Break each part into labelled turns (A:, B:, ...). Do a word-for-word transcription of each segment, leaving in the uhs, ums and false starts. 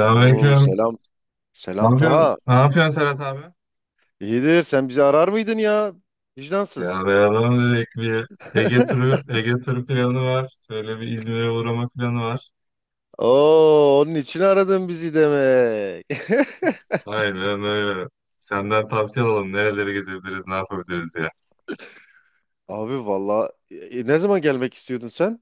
A: Oo selam.
B: Ne
A: Selam
B: yapıyorsun?
A: Taha.
B: Ne yapıyorsun Serhat abi?
A: İyidir. Sen bizi arar mıydın ya? Vicdansız.
B: Ya beraber dedik bir Ege turu, Ege turu planı var. Şöyle bir İzmir'e uğrama planı var.
A: Oo, onun için aradın bizi demek.
B: Aynen öyle. Senden tavsiye alalım. Nereleri gezebiliriz, ne yapabiliriz diye.
A: Abi valla, e, e, ne zaman gelmek istiyordun sen?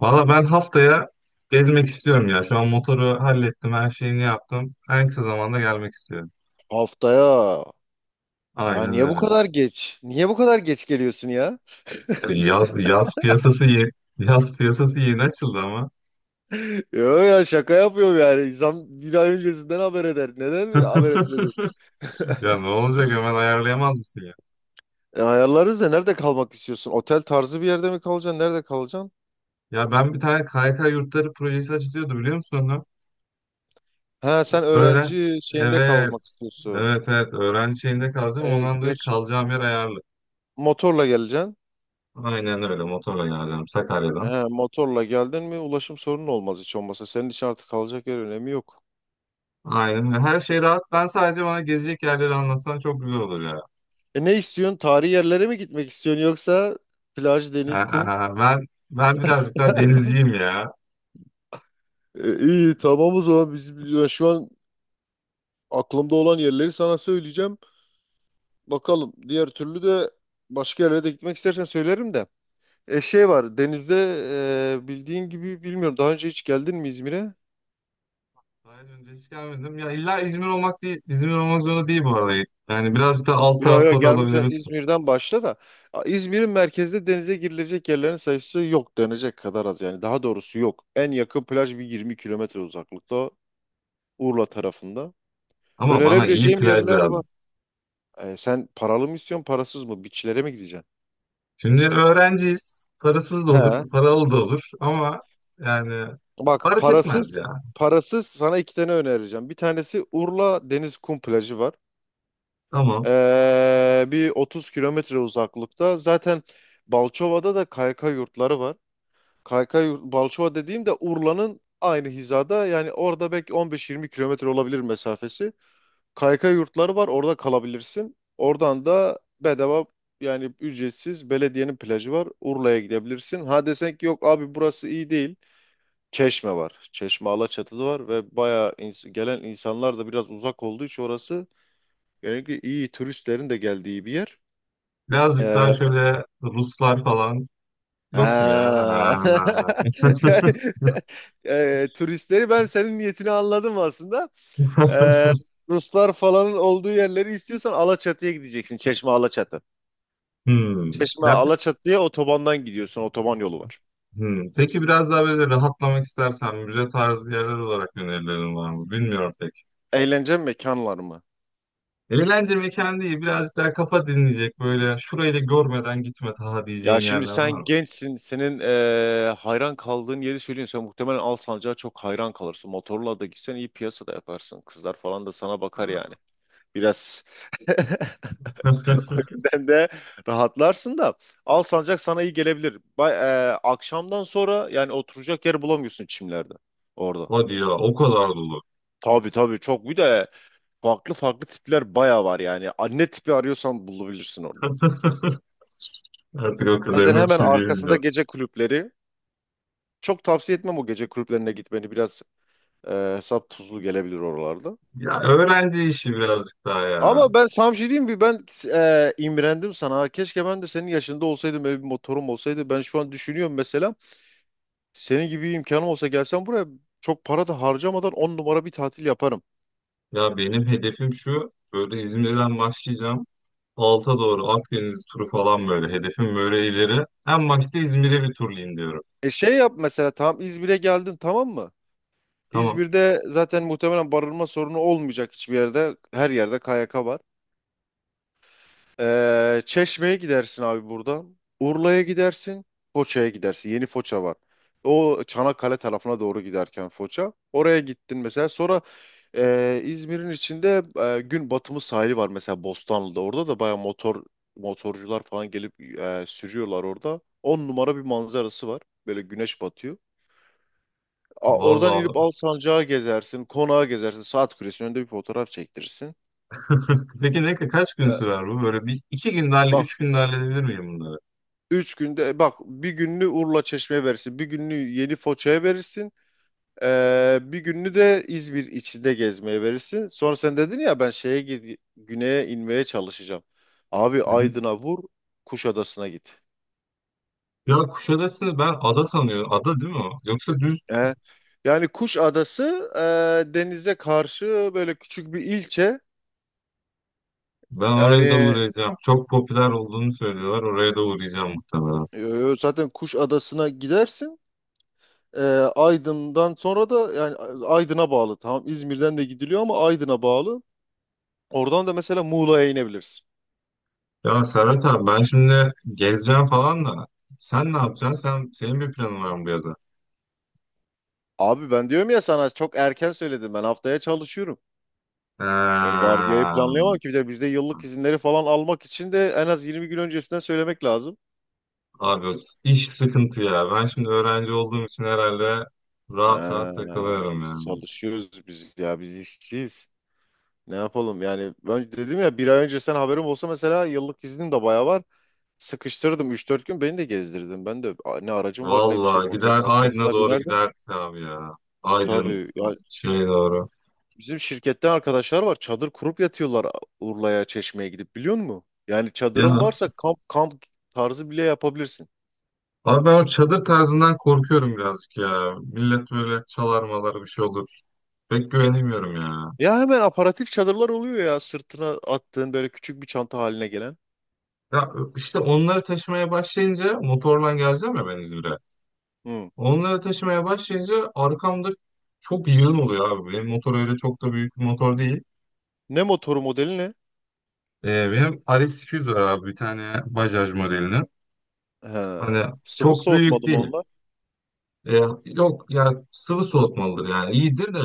B: Valla ben haftaya gezmek istiyorum ya. Şu an motoru hallettim, her şeyini yaptım. En kısa zamanda gelmek istiyorum.
A: Haftaya. Ya
B: Aynen
A: niye bu
B: öyle.
A: kadar geç? Niye bu kadar geç geliyorsun ya?
B: Yani yaz, yaz piyasası yeni, yaz piyasası yeni açıldı ama.
A: Yo ya, şaka yapıyorum yani. İnsan bir ay öncesinden haber eder. Neden haber etmedin?
B: Ya ne olacak hemen ayarlayamaz mısın?
A: E, ayarlarız da, nerede kalmak istiyorsun? Otel tarzı bir yerde mi kalacaksın? Nerede kalacaksın?
B: Ya ben bir tane K Y K yurtları projesi açılıyordu, biliyor musun onu?
A: Ha, sen
B: Öğren.
A: öğrenci şeyinde kalmak
B: Evet.
A: istiyorsun.
B: Evet, evet. Öğrenci şeyinde kalacağım.
A: E,
B: Ondan dolayı
A: gerçi
B: kalacağım yer ayarlı.
A: motorla geleceksin.
B: Aynen öyle. Motorla geleceğim
A: He,
B: Sakarya'dan.
A: motorla geldin mi ulaşım sorunu olmaz hiç olmasa. Senin için artık kalacak yer önemi yok.
B: Aynen. Her şey rahat. Ben sadece bana gezecek yerleri anlatsan çok güzel olur ya.
A: E ne istiyorsun? Tarihi yerlere mi gitmek istiyorsun, yoksa plaj, deniz, kum?
B: Aa, ben ben birazcık daha denizciyim ya.
A: E, iyi tamam. O zaman biz ben şu an aklımda olan yerleri sana söyleyeceğim. Bakalım, diğer türlü de başka yerlere de gitmek istersen söylerim de. E şey var denizde, e, bildiğin gibi. Bilmiyorum, daha önce hiç geldin mi İzmir'e?
B: Daha önce hiç gelmedim. Ya illa İzmir olmak değil. İzmir olmak zorunda değil bu arada. Yani birazcık da alt
A: Yo yo,
B: taraflar
A: gelmişsen
B: olabiliriz.
A: İzmir'den başla da, a, İzmir'in merkezde denize girilecek yerlerin sayısı yok denecek kadar az, yani daha doğrusu yok. En yakın plaj bir yirmi kilometre uzaklıkta, Urla tarafında.
B: Ama bana iyi
A: Önerebileceğim
B: plaj
A: yerler
B: lazım.
A: var. E, sen paralı mı istiyorsun, parasız mı? Beachlere mi gideceksin?
B: Şimdi öğrenciyiz. Parasız da
A: He.
B: olur, paralı da olur ama yani
A: Bak,
B: fark etmez
A: parasız
B: ya.
A: parasız sana iki tane önereceğim. Bir tanesi, Urla Deniz Kum Plajı var.
B: Tamam.
A: Ee, bir otuz kilometre uzaklıkta. Zaten Balçova'da da K Y K yurtları var. Kaykay Balçova dediğim de Urla'nın aynı hizada, yani orada belki on beş yirmi kilometre olabilir mesafesi. Kaykay yurtları var, orada kalabilirsin. Oradan da bedava, yani ücretsiz belediyenin plajı var. Urla'ya gidebilirsin. Ha, desen ki yok abi burası iyi değil. Çeşme var. Çeşme Alaçatı'da var ve bayağı, ins- gelen insanlar da biraz uzak olduğu için orası, yani iyi turistlerin de geldiği bir yer.
B: Birazcık daha
A: Ee,
B: şöyle Ruslar falan yok mu ya? Ha.
A: Ha. Yani, e, turistleri, ben senin niyetini anladım aslında. E, Ruslar falan olduğu yerleri istiyorsan Alaçatı'ya gideceksin. Çeşme Alaçatı.
B: Hmm.
A: Çeşme
B: Ya,
A: Alaçatı'ya otobandan gidiyorsun. Otoban yolu var.
B: hmm. Peki biraz daha böyle rahatlamak istersen müze tarzı yerler olarak önerilerin var mı? Bilmiyorum pek.
A: Eğlence mekanlar mı?
B: Eğlence mekanı değil, birazcık daha kafa dinleyecek böyle şurayı da görmeden gitme daha
A: Ya
B: diyeceğin
A: şimdi
B: yerler var
A: sen
B: mı?
A: gençsin. Senin e, hayran kaldığın yeri söyleyeyim. Sen muhtemelen Alsancak'a çok hayran kalırsın. Motorla da gitsen iyi piyasa da yaparsın. Kızlar falan da sana bakar yani. Biraz O yüzden de rahatlarsın da, Alsancak sana iyi gelebilir. Bay, e, akşamdan sonra yani oturacak yer bulamıyorsun çimlerde orada.
B: Hadi ya, o kadar dolu.
A: Tabii tabii, çok, bir de farklı farklı tipler bayağı var yani. Anne tipi arıyorsan bulabilirsin orada.
B: Artık o
A: Zaten
B: kadarına bir
A: hemen
B: şey
A: arkasında
B: diyemeyeceğim.
A: gece kulüpleri. Çok tavsiye etmem o gece kulüplerine gitmeni. Biraz e, hesap tuzlu gelebilir oralarda.
B: Ya öğrenci işi birazcık daha ya.
A: Ama ben sana bir şey diyeyim mi? Ben e, imrendim sana. Keşke ben de senin yaşında olsaydım. Böyle bir motorum olsaydı. Ben şu an düşünüyorum mesela. Senin gibi bir imkanım olsa, gelsem buraya çok para da harcamadan on numara bir tatil yaparım.
B: Ya benim hedefim şu. Böyle İzmir'den başlayacağım. Alta doğru Akdeniz turu falan böyle. Hedefim böyle ileri. En başta İzmir'e bir turlayayım diyorum.
A: E şey yap mesela, tamam İzmir'e geldin tamam mı?
B: Tamam.
A: İzmir'de zaten muhtemelen barınma sorunu olmayacak hiçbir yerde. Her yerde K Y K var. Ee, Çeşme'ye gidersin abi buradan. Urla'ya gidersin. Foça'ya gidersin. Yeni Foça var. O Çanakkale tarafına doğru giderken Foça. Oraya gittin mesela. Sonra ee, İzmir'in içinde ee, gün batımı sahili var mesela Bostanlı'da. Orada da baya motor motorcular falan gelip ee, sürüyorlar orada. On numara bir manzarası var. Böyle güneş batıyor. A- oradan inip
B: Vallahi.
A: Alsancak'a gezersin. Konağa gezersin. Saat Kulesi'nin önünde bir fotoğraf çektirirsin.
B: Peki ne kaç gün
A: Ee,
B: sürer bu? Böyle bir iki günlerle
A: Bak,
B: üç günde halledebilir miyim bunları?
A: üç günde, e, bak, bir gününü Urla Çeşme'ye verirsin. Bir gününü Yeni Foça'ya verirsin. Ee, bir gününü de İzmir içinde gezmeye verirsin. Sonra sen dedin ya, ben şeye gid- güneye inmeye çalışacağım. Abi
B: Hı hı.
A: Aydın'a vur, Kuşadası'na git.
B: Ya Kuşadası'nı ben ada sanıyorum. Ada değil mi o? Yoksa düz.
A: Ee, Yani Kuşadası e, denize karşı böyle küçük bir ilçe.
B: Ben
A: Yani
B: oraya da uğrayacağım. Çok popüler olduğunu söylüyorlar. Oraya da uğrayacağım muhtemelen.
A: e, zaten Kuşadası'na gidersin. E, Aydın'dan sonra da yani Aydın'a bağlı. Tamam, İzmir'den de gidiliyor ama Aydın'a bağlı. Oradan da mesela Muğla'ya inebilirsin.
B: Ya Serhat abi, ben şimdi gezeceğim falan da sen ne yapacaksın? Sen, senin bir planın var mı bu yaza?
A: Abi ben diyorum ya sana, çok erken söyledim, ben haftaya çalışıyorum. Ben
B: Eee,
A: vardiyayı planlayamam ki, bir de bizde yıllık izinleri falan almak için de en az yirmi gün öncesinden söylemek lazım.
B: abi iş sıkıntı ya. Ben şimdi öğrenci olduğum için herhalde rahat
A: Ee,
B: rahat takılıyorum
A: Biz
B: ya.
A: çalışıyoruz biz, ya biz işçiyiz. Ne yapalım yani. Ben dedim ya, bir ay önce sen haberim olsa mesela, yıllık iznim de bayağı var. Sıkıştırdım üç dört gün, beni de gezdirdim. Ben de a- ne aracım var ne bir şey,
B: Valla
A: motorun
B: gider, Aydın'a
A: arkasına
B: doğru
A: binerdim.
B: giderdik abi ya.
A: E,
B: Aydın
A: Tabii ya.
B: şey doğru.
A: Bizim şirkette arkadaşlar var. Çadır kurup yatıyorlar Urla'ya, Çeşme'ye gidip, biliyor musun? Yani çadırın
B: Ya
A: varsa kamp kamp tarzı bile yapabilirsin.
B: abi, ben o çadır tarzından korkuyorum birazcık ya. Millet böyle çalar malar, bir şey olur. Pek güvenemiyorum ya.
A: Ya hemen aparatif çadırlar oluyor ya, sırtına attığın böyle küçük bir çanta haline gelen.
B: Ya işte onları taşımaya başlayınca motorla geleceğim ya ben İzmir'e.
A: Hı.
B: Onları taşımaya başlayınca arkamda çok yığın oluyor abi. Benim motor öyle çok da büyük bir motor değil.
A: Ne motoru, modeli ne?
B: Ee, benim R S iki yüz var abi, bir tane Bajaj modelinin.
A: He.
B: Hani
A: Sıvı
B: çok büyük
A: soğutmalı mı
B: değil.
A: onlar?
B: Ee, yok ya, sıvı soğutmalıdır, yani iyidir de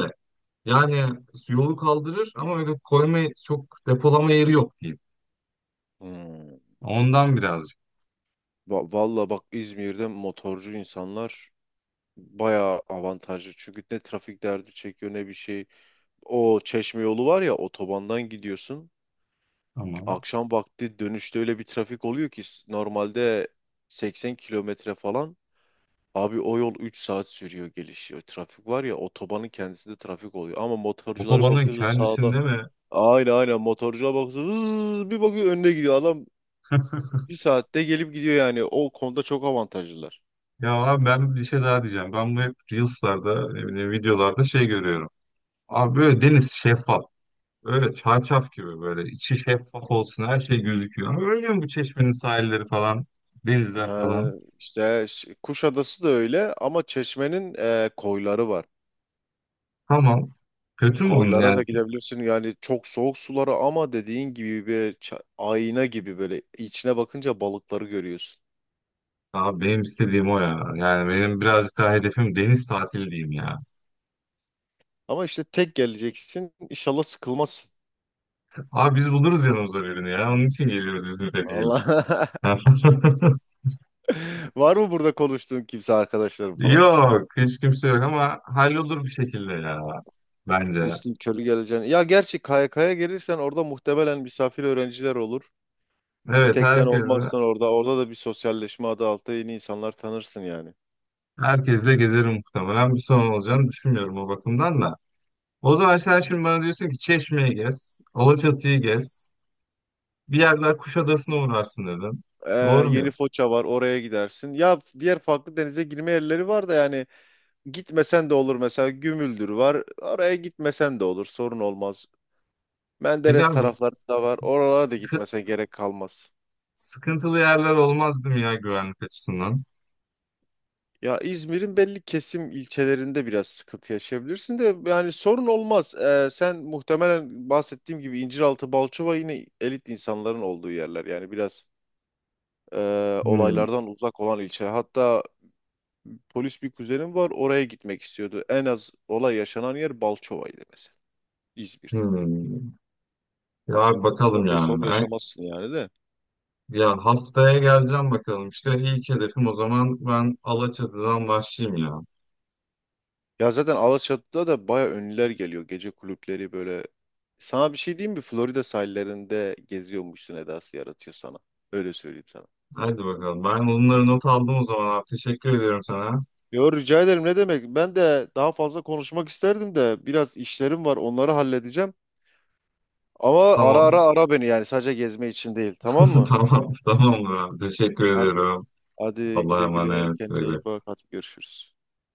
B: yani yolu kaldırır ama öyle koyma, çok depolama yeri yok diyeyim.
A: Hmm.
B: Ondan birazcık.
A: Va- Valla bak, İzmir'de motorcu insanlar bayağı avantajlı. Çünkü ne trafik derdi çekiyor ne bir şey. O Çeşme yolu var ya, otobandan gidiyorsun.
B: Ama
A: Akşam vakti dönüşte öyle bir trafik oluyor ki, s- normalde seksen kilometre falan. Abi o yol üç saat sürüyor, gelişiyor. Trafik var ya, otobanın kendisinde trafik oluyor. Ama motorcuları
B: otobanın
A: bakıyorsun sağda.
B: kendisinde mi?
A: Aynen, aynen, motorcuya bakıyorsun. Hızz, bir bakıyor önüne gidiyor. Adam bir saatte gelip gidiyor yani. O konuda çok avantajlılar.
B: Ya abi, ben bir şey daha diyeceğim. Ben bu hep Reels'larda, ne bileyim videolarda şey görüyorum. Abi böyle deniz şeffaf. Öyle çarşaf gibi böyle içi şeffaf olsun, her şey gözüküyor. Ama öyle mi bu çeşmenin sahilleri falan, denizler
A: He,
B: falan?
A: işte ş- Kuşadası da öyle, ama Çeşme'nin e, koyları var.
B: Tamam. Kötü mü onun
A: Koylara da
B: yani?
A: gidebilirsin, yani çok soğuk sulara, ama dediğin gibi bir ça- ayna gibi, böyle içine bakınca balıkları görüyorsun.
B: Abi benim istediğim o ya. Yani benim birazcık daha hedefim deniz tatili diyeyim ya.
A: Ama işte tek geleceksin, inşallah sıkılmazsın.
B: Abi biz buluruz yanımıza birini ya. Onun için geliyoruz İzmir'e diyelim.
A: Allah. Var mı burada konuştuğun kimse, arkadaşların falan?
B: Yok, hiç kimse yok ama hallolur bir şekilde ya, bence.
A: Üstün körü geleceğin. Ya, gerçi K Y K'ya gelirsen orada muhtemelen misafir öğrenciler olur. Bir
B: Evet,
A: tek sen
B: herkes.
A: olmazsan orada. Orada da bir sosyalleşme adı altında yeni insanlar tanırsın yani.
B: Herkesle gezerim muhtemelen. Bir sorun olacağını düşünmüyorum o bakımdan da. O zaman sen şimdi bana diyorsun ki Çeşme'yi gez, Alaçatı'yı gez, bir yer daha Kuşadası'na uğrarsın dedin.
A: Ee,
B: Doğru
A: Yeni
B: mu?
A: Foça var, oraya gidersin. Ya diğer farklı denize girme yerleri var da, yani gitmesen de olur, mesela Gümüldür var. Oraya gitmesen de olur, sorun olmaz.
B: Peki
A: Menderes
B: abi,
A: taraflarında var. Oralara da
B: sıkı-
A: gitmese gerek kalmaz.
B: sıkıntılı yerler olmazdı mı ya güvenlik açısından?
A: Ya İzmir'in belli kesim ilçelerinde biraz sıkıntı yaşayabilirsin de, yani sorun olmaz. Ee, sen muhtemelen, bahsettiğim gibi, İnciraltı, Balçova yine elit insanların olduğu yerler. Yani biraz e,
B: Hmm,
A: olaylardan uzak olan ilçe. Hatta polis bir kuzenim var, oraya gitmek istiyordu. En az olay yaşanan yer Balçova'ydı mesela İzmir'de.
B: hmm. Ya abi
A: O
B: bakalım
A: konuda sorun
B: yani. Ay-
A: yaşamazsın yani de.
B: Ya haftaya geleceğim bakalım. İşte ilk hedefim, o zaman ben Alaçatı'dan başlayayım ya.
A: Ya zaten Alaçatı'da da baya ünlüler geliyor. Gece kulüpleri böyle. Sana bir şey diyeyim mi? Florida sahillerinde geziyormuşsun edası yaratıyor sana. Öyle söyleyeyim sana.
B: Hadi bakalım. Ben bunları not aldım o zaman abi. Teşekkür ediyorum sana.
A: Yo, rica ederim, ne demek. Ben de daha fazla konuşmak isterdim de biraz işlerim var, onları halledeceğim. Ama ara ara,
B: Tamam.
A: ara beni, yani sadece gezme için değil, tamam mı?
B: Tamam, tamamdır abi. Teşekkür
A: Hadi,
B: ediyorum.
A: hadi
B: Allah'a
A: güle güle,
B: emanet. Güle
A: kendine iyi
B: güle.
A: bak, hadi görüşürüz.